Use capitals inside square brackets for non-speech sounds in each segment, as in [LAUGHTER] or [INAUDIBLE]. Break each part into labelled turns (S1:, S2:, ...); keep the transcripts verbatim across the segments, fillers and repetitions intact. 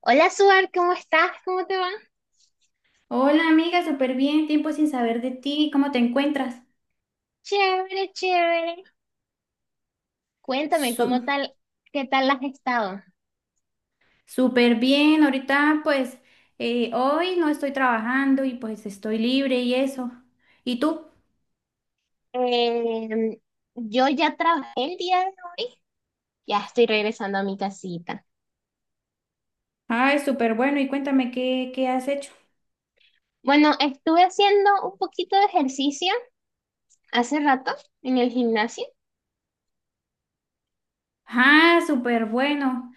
S1: Hola, Suar, ¿cómo estás? ¿Cómo te va?
S2: Hola amiga, súper bien, tiempo sin saber de ti, ¿cómo te encuentras?
S1: Chévere, chévere. Cuéntame, ¿cómo
S2: Su-
S1: tal, ¿qué tal has estado?
S2: Súper bien, ahorita pues eh, hoy no estoy trabajando y pues estoy libre y eso. ¿Y tú?
S1: Eh, yo ya trabajé el día de hoy, ya estoy regresando a mi casita.
S2: Ay, súper bueno, y cuéntame qué, qué has hecho.
S1: Bueno, estuve haciendo un poquito de ejercicio hace rato en el gimnasio.
S2: Ah, súper bueno.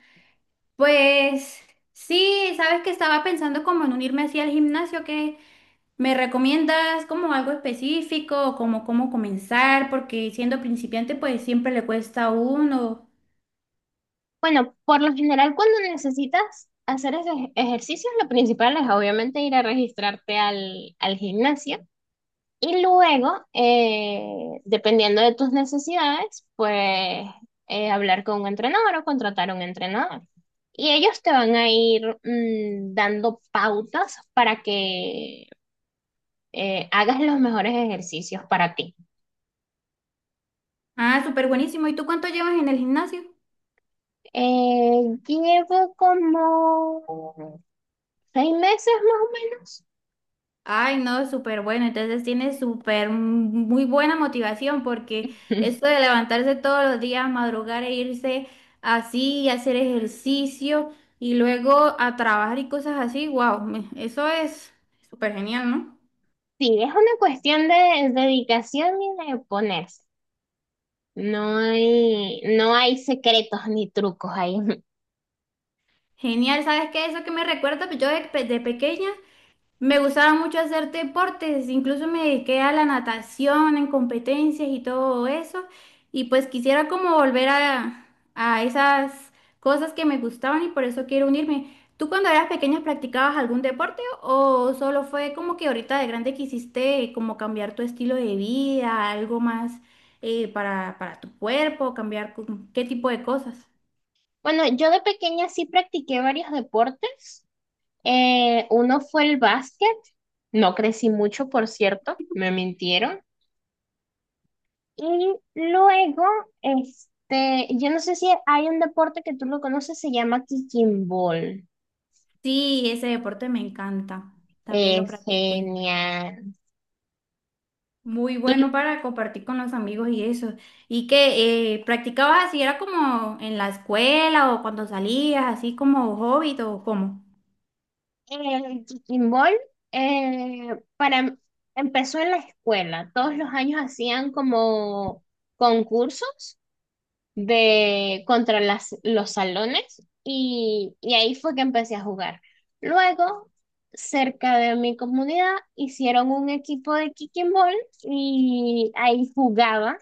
S2: Pues sí, sabes que estaba pensando como en unirme así al gimnasio, que me recomiendas como algo específico, como cómo comenzar, porque siendo principiante pues siempre le cuesta a uno.
S1: Bueno, por lo general, cuando necesitas hacer esos ejercicios, lo principal es obviamente ir a registrarte al, al gimnasio. Y luego, eh, dependiendo de tus necesidades, pues eh, hablar con un entrenador o contratar un entrenador. Y ellos te van a ir mm, dando pautas para que eh, hagas los mejores ejercicios para ti.
S2: Ah, súper buenísimo. ¿Y tú cuánto llevas en el gimnasio?
S1: Eh, llevo como seis meses más o menos.
S2: Ay, no, súper bueno. Entonces tienes súper mm, muy buena motivación porque esto
S1: [LAUGHS]
S2: de levantarse todos los días, madrugar e irse así y hacer ejercicio y luego a trabajar y cosas así, wow, eso es súper genial, ¿no?
S1: Sí, es una cuestión de dedicación y de ponerse. No hay, no hay secretos ni trucos ahí. [LAUGHS]
S2: Genial, ¿sabes qué? Eso que me recuerda, pues yo de, pe- de pequeña me gustaba mucho hacer deportes, incluso me dediqué a la natación en competencias y todo eso. Y pues quisiera como volver a, a esas cosas que me gustaban y por eso quiero unirme. ¿Tú cuando eras pequeña practicabas algún deporte o solo fue como que ahorita de grande quisiste como cambiar tu estilo de vida, algo más eh, para, para tu cuerpo, cambiar cu- qué tipo de cosas?
S1: Bueno, yo de pequeña sí practiqué varios deportes. Eh, uno fue el básquet. No crecí mucho, por cierto, me mintieron. Y luego, este, yo no sé si hay un deporte que tú lo conoces, se llama kicking ball.
S2: Sí, ese deporte me encanta, también lo
S1: Es
S2: practiqué.
S1: genial.
S2: Muy bueno para compartir con los amigos y eso. ¿Y que eh, practicabas así? ¿Era como en la escuela o cuando salías, así como hobby o cómo?
S1: El kicking ball, eh, para, empezó en la escuela. Todos los años hacían como concursos de contra las, los salones y, y ahí fue que empecé a jugar. Luego, cerca de mi comunidad, hicieron un equipo de kicking ball y ahí jugaba.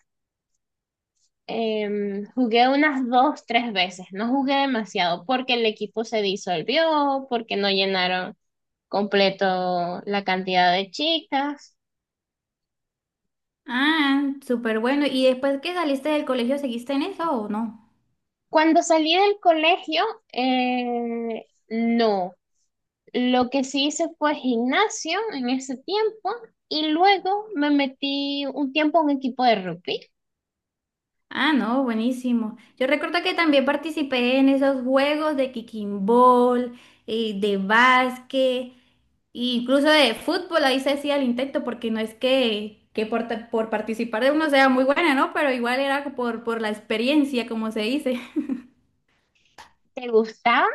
S1: Em, jugué unas dos, tres veces, no jugué demasiado porque el equipo se disolvió, porque no llenaron completo la cantidad de chicas.
S2: Ah, súper bueno. ¿Y después que saliste del colegio, seguiste en eso o no?
S1: Cuando salí del colegio, eh, no. Lo que sí hice fue gimnasio en ese tiempo y luego me metí un tiempo a un equipo de rugby.
S2: Ah, no, buenísimo. Yo recuerdo que también participé en esos juegos de kicking ball, eh, de básquet, incluso de fútbol, ahí se hacía el intento, porque no es que, que por, ta- por participar de uno sea muy buena, ¿no? Pero igual era por, por la experiencia, como se dice.
S1: ¿Te gustaba?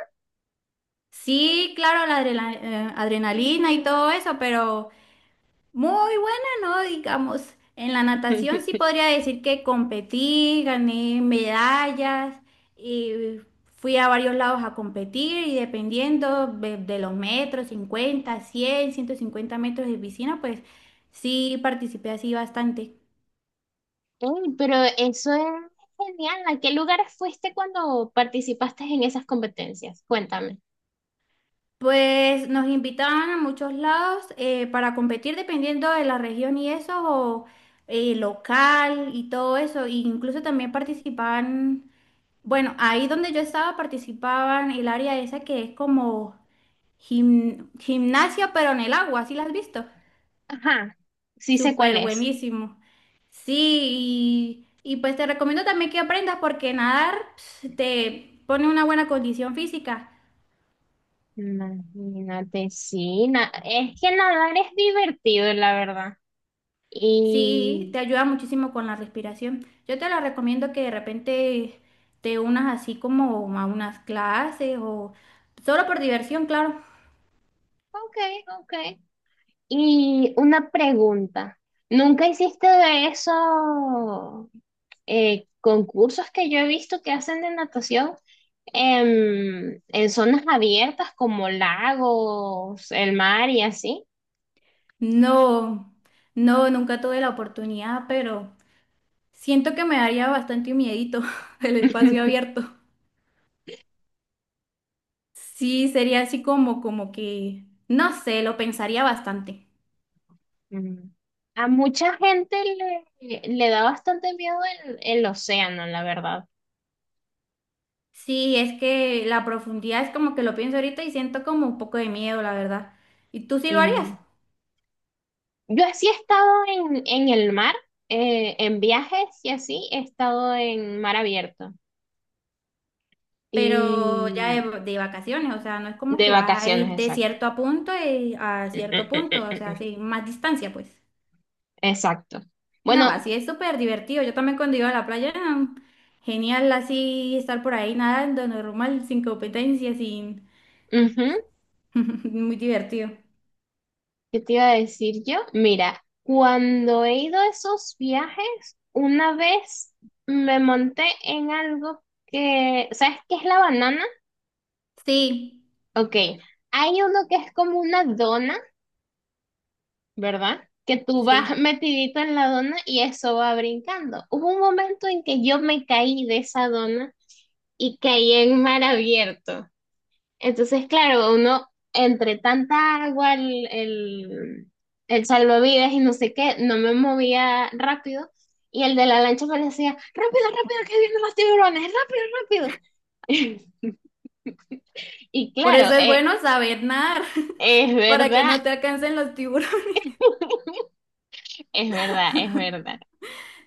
S2: Sí, claro, la adrela- eh, adrenalina y todo eso, pero... Muy buena, ¿no? Digamos, en la natación sí podría decir que competí, gané medallas y fui a varios lados a competir y dependiendo de, de los metros, cincuenta cien ciento cincuenta metros de piscina, pues sí participé así bastante.
S1: Ey, pero eso es genial. ¿A qué lugares fuiste cuando participaste en esas competencias? Cuéntame.
S2: Pues nos invitaban a muchos lados eh, para competir dependiendo de la región y eso, o eh, local y todo eso. E incluso también participaban. Bueno, ahí donde yo estaba participaban el área esa que es como gim- gimnasia, pero en el agua, ¿sí la has visto?
S1: Ajá, sí sé cuál
S2: Súper
S1: es.
S2: buenísimo. Sí, y, y pues te recomiendo también que aprendas porque nadar ps, te pone una buena condición física.
S1: Imagínate, sí. na- es que nadar es divertido, la verdad.
S2: Sí,
S1: Y...
S2: te ayuda muchísimo con la respiración. Yo te la recomiendo que de repente te unas así como a unas clases o solo por diversión, claro.
S1: Ok, ok. Y una pregunta, ¿nunca hiciste de esos eh, concursos que yo he visto que hacen de natación em, en zonas abiertas como lagos, el mar y así?
S2: No, no, nunca tuve la oportunidad, pero... Siento que me daría bastante miedito [LAUGHS] el espacio
S1: [LAUGHS]
S2: abierto. Sí, sería así como, como que, no sé, lo pensaría bastante.
S1: Mm. A mucha gente le, le da bastante miedo el, el océano, la verdad.
S2: Sí, es que la profundidad es como que lo pienso ahorita y siento como un poco de miedo, la verdad. ¿Y tú sí lo harías?
S1: Em, yo así he estado en, en el mar, eh, en viajes y así he estado en mar abierto.
S2: Pero ya
S1: Y
S2: de, de vacaciones, o sea, no es como
S1: De
S2: que vas a
S1: vacaciones,
S2: ir de
S1: exacto.
S2: cierto a punto y a
S1: Mm,
S2: cierto
S1: mm, mm,
S2: punto, o
S1: mm,
S2: sea,
S1: mm.
S2: sí, más distancia, pues.
S1: Exacto.
S2: No,
S1: Bueno.
S2: así es súper divertido. Yo también cuando iba a la playa, mm, genial así estar por ahí nadando, normal, sin competencia, sin
S1: Ujú.
S2: [LAUGHS] muy divertido.
S1: ¿Qué te iba a decir yo? Mira, cuando he ido a esos viajes, una vez me monté en algo que, ¿sabes qué es la banana?
S2: Sí,
S1: Ok, hay uno que es como una dona, ¿verdad? Que tú vas
S2: sí.
S1: metidito en la dona y eso va brincando. Hubo un momento en que yo me caí de esa dona y caí en mar abierto. Entonces, claro, uno entre tanta agua, el, el, el salvavidas y no sé qué, no me movía rápido. Y el de la lancha parecía, rápido, rápido, que vienen los tiburones, rápido, rápido. [LAUGHS] Y
S2: Por
S1: claro,
S2: eso es
S1: eh,
S2: bueno saber nadar,
S1: es
S2: [LAUGHS] para que
S1: verdad,
S2: no te alcancen los tiburones. [LAUGHS]
S1: es verdad, es verdad.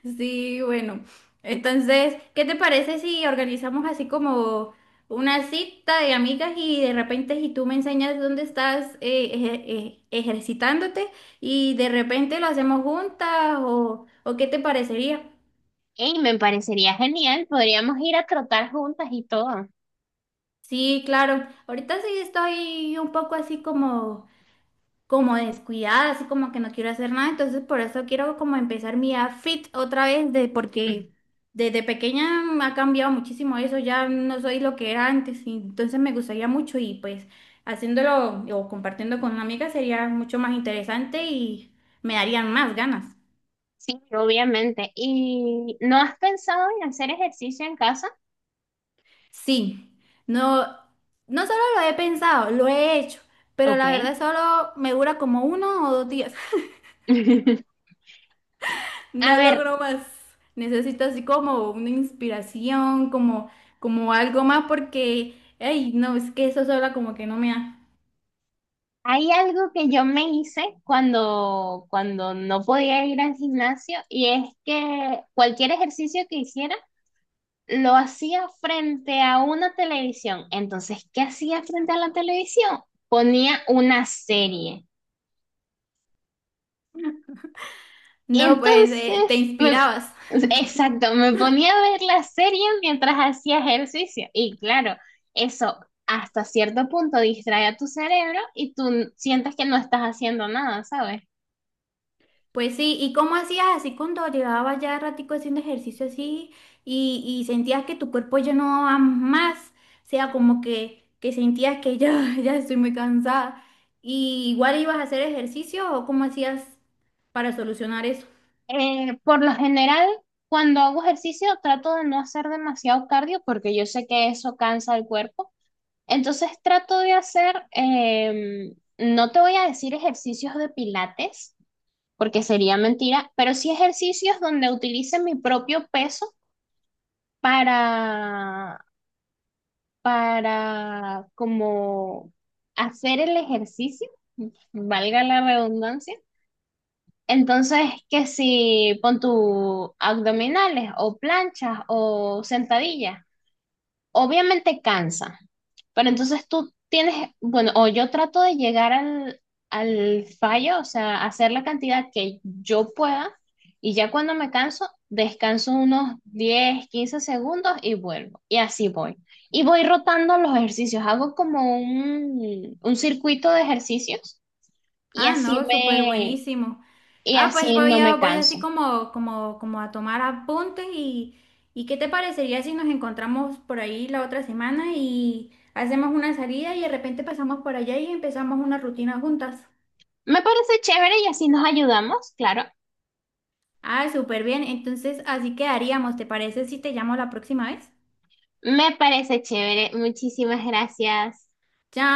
S2: Sí, bueno. Entonces, ¿qué te parece si organizamos así como una cita de amigas y de repente si tú me enseñas dónde estás eh, ejer- eh, ejercitándote y de repente lo hacemos juntas o, o qué te parecería?
S1: Y me parecería genial, podríamos ir a trotar juntas y todo.
S2: Sí, claro. Ahorita sí estoy un poco así como... como descuidada, así como que no quiero hacer nada, entonces por eso quiero como empezar mi vida fit otra vez, de, porque
S1: [LAUGHS]
S2: desde pequeña me ha cambiado muchísimo eso, ya no soy lo que era antes, y entonces me gustaría mucho y pues haciéndolo o compartiendo con una amiga sería mucho más interesante y me darían más ganas.
S1: Sí, obviamente. ¿Y no has pensado en hacer ejercicio en casa?
S2: Sí, no, no solo lo he pensado, lo he hecho, pero la
S1: Ok.
S2: verdad solo me dura como uno o dos días.
S1: [LAUGHS] A
S2: No
S1: ver.
S2: logro más. Necesito así como una inspiración, como, como algo más, porque, ay, no, es que eso sola como que no me da.
S1: Hay algo que yo me hice cuando, cuando no podía ir al gimnasio y es que cualquier ejercicio que hiciera lo hacía frente a una televisión. Entonces, ¿qué hacía frente a la televisión? Ponía una serie. Y
S2: No, pues eh, te
S1: entonces, me-
S2: inspirabas.
S1: exacto, me ponía a ver la serie mientras hacía ejercicio. Y claro, eso hasta cierto punto distrae a tu cerebro y tú sientes que no estás haciendo nada, ¿sabes?
S2: Pues sí, ¿y cómo hacías así cuando llevabas ya ratico haciendo ejercicio así y, y sentías que tu cuerpo ya no va más? O sea, como que, que sentías que ya, [LAUGHS] ya estoy muy cansada. ¿Y igual ibas a hacer ejercicio o cómo hacías para solucionar eso?
S1: Eh, por lo general, cuando hago ejercicio, trato de no hacer demasiado cardio porque yo sé que eso cansa el cuerpo. Entonces, trato de hacer, em, no te voy a decir ejercicios de pilates, porque sería mentira, pero sí ejercicios donde utilice mi propio peso para, para como hacer el ejercicio, valga la redundancia. Entonces, que si pon tu abdominales o planchas o sentadillas, obviamente cansa, pero entonces tú tienes, bueno, o yo trato de llegar al, al fallo, o sea, hacer la cantidad que yo pueda y ya cuando me canso, descanso unos diez quince segundos y vuelvo. Y así voy. Y voy rotando los ejercicios, hago como un, un circuito de ejercicios y
S2: Ah,
S1: así
S2: no, súper
S1: me,
S2: buenísimo.
S1: y
S2: Ah, pues
S1: así
S2: voy
S1: no
S2: a,
S1: me
S2: voy así
S1: canso.
S2: como, como, como a tomar apuntes y, y ¿qué te parecería si nos encontramos por ahí la otra semana y hacemos una salida y de repente pasamos por allá y empezamos una rutina juntas?
S1: Me parece chévere y así nos ayudamos, claro.
S2: Ah, súper bien. Entonces así quedaríamos. ¿Te parece si te llamo la próxima vez?
S1: Me parece chévere. Muchísimas gracias.
S2: Chao.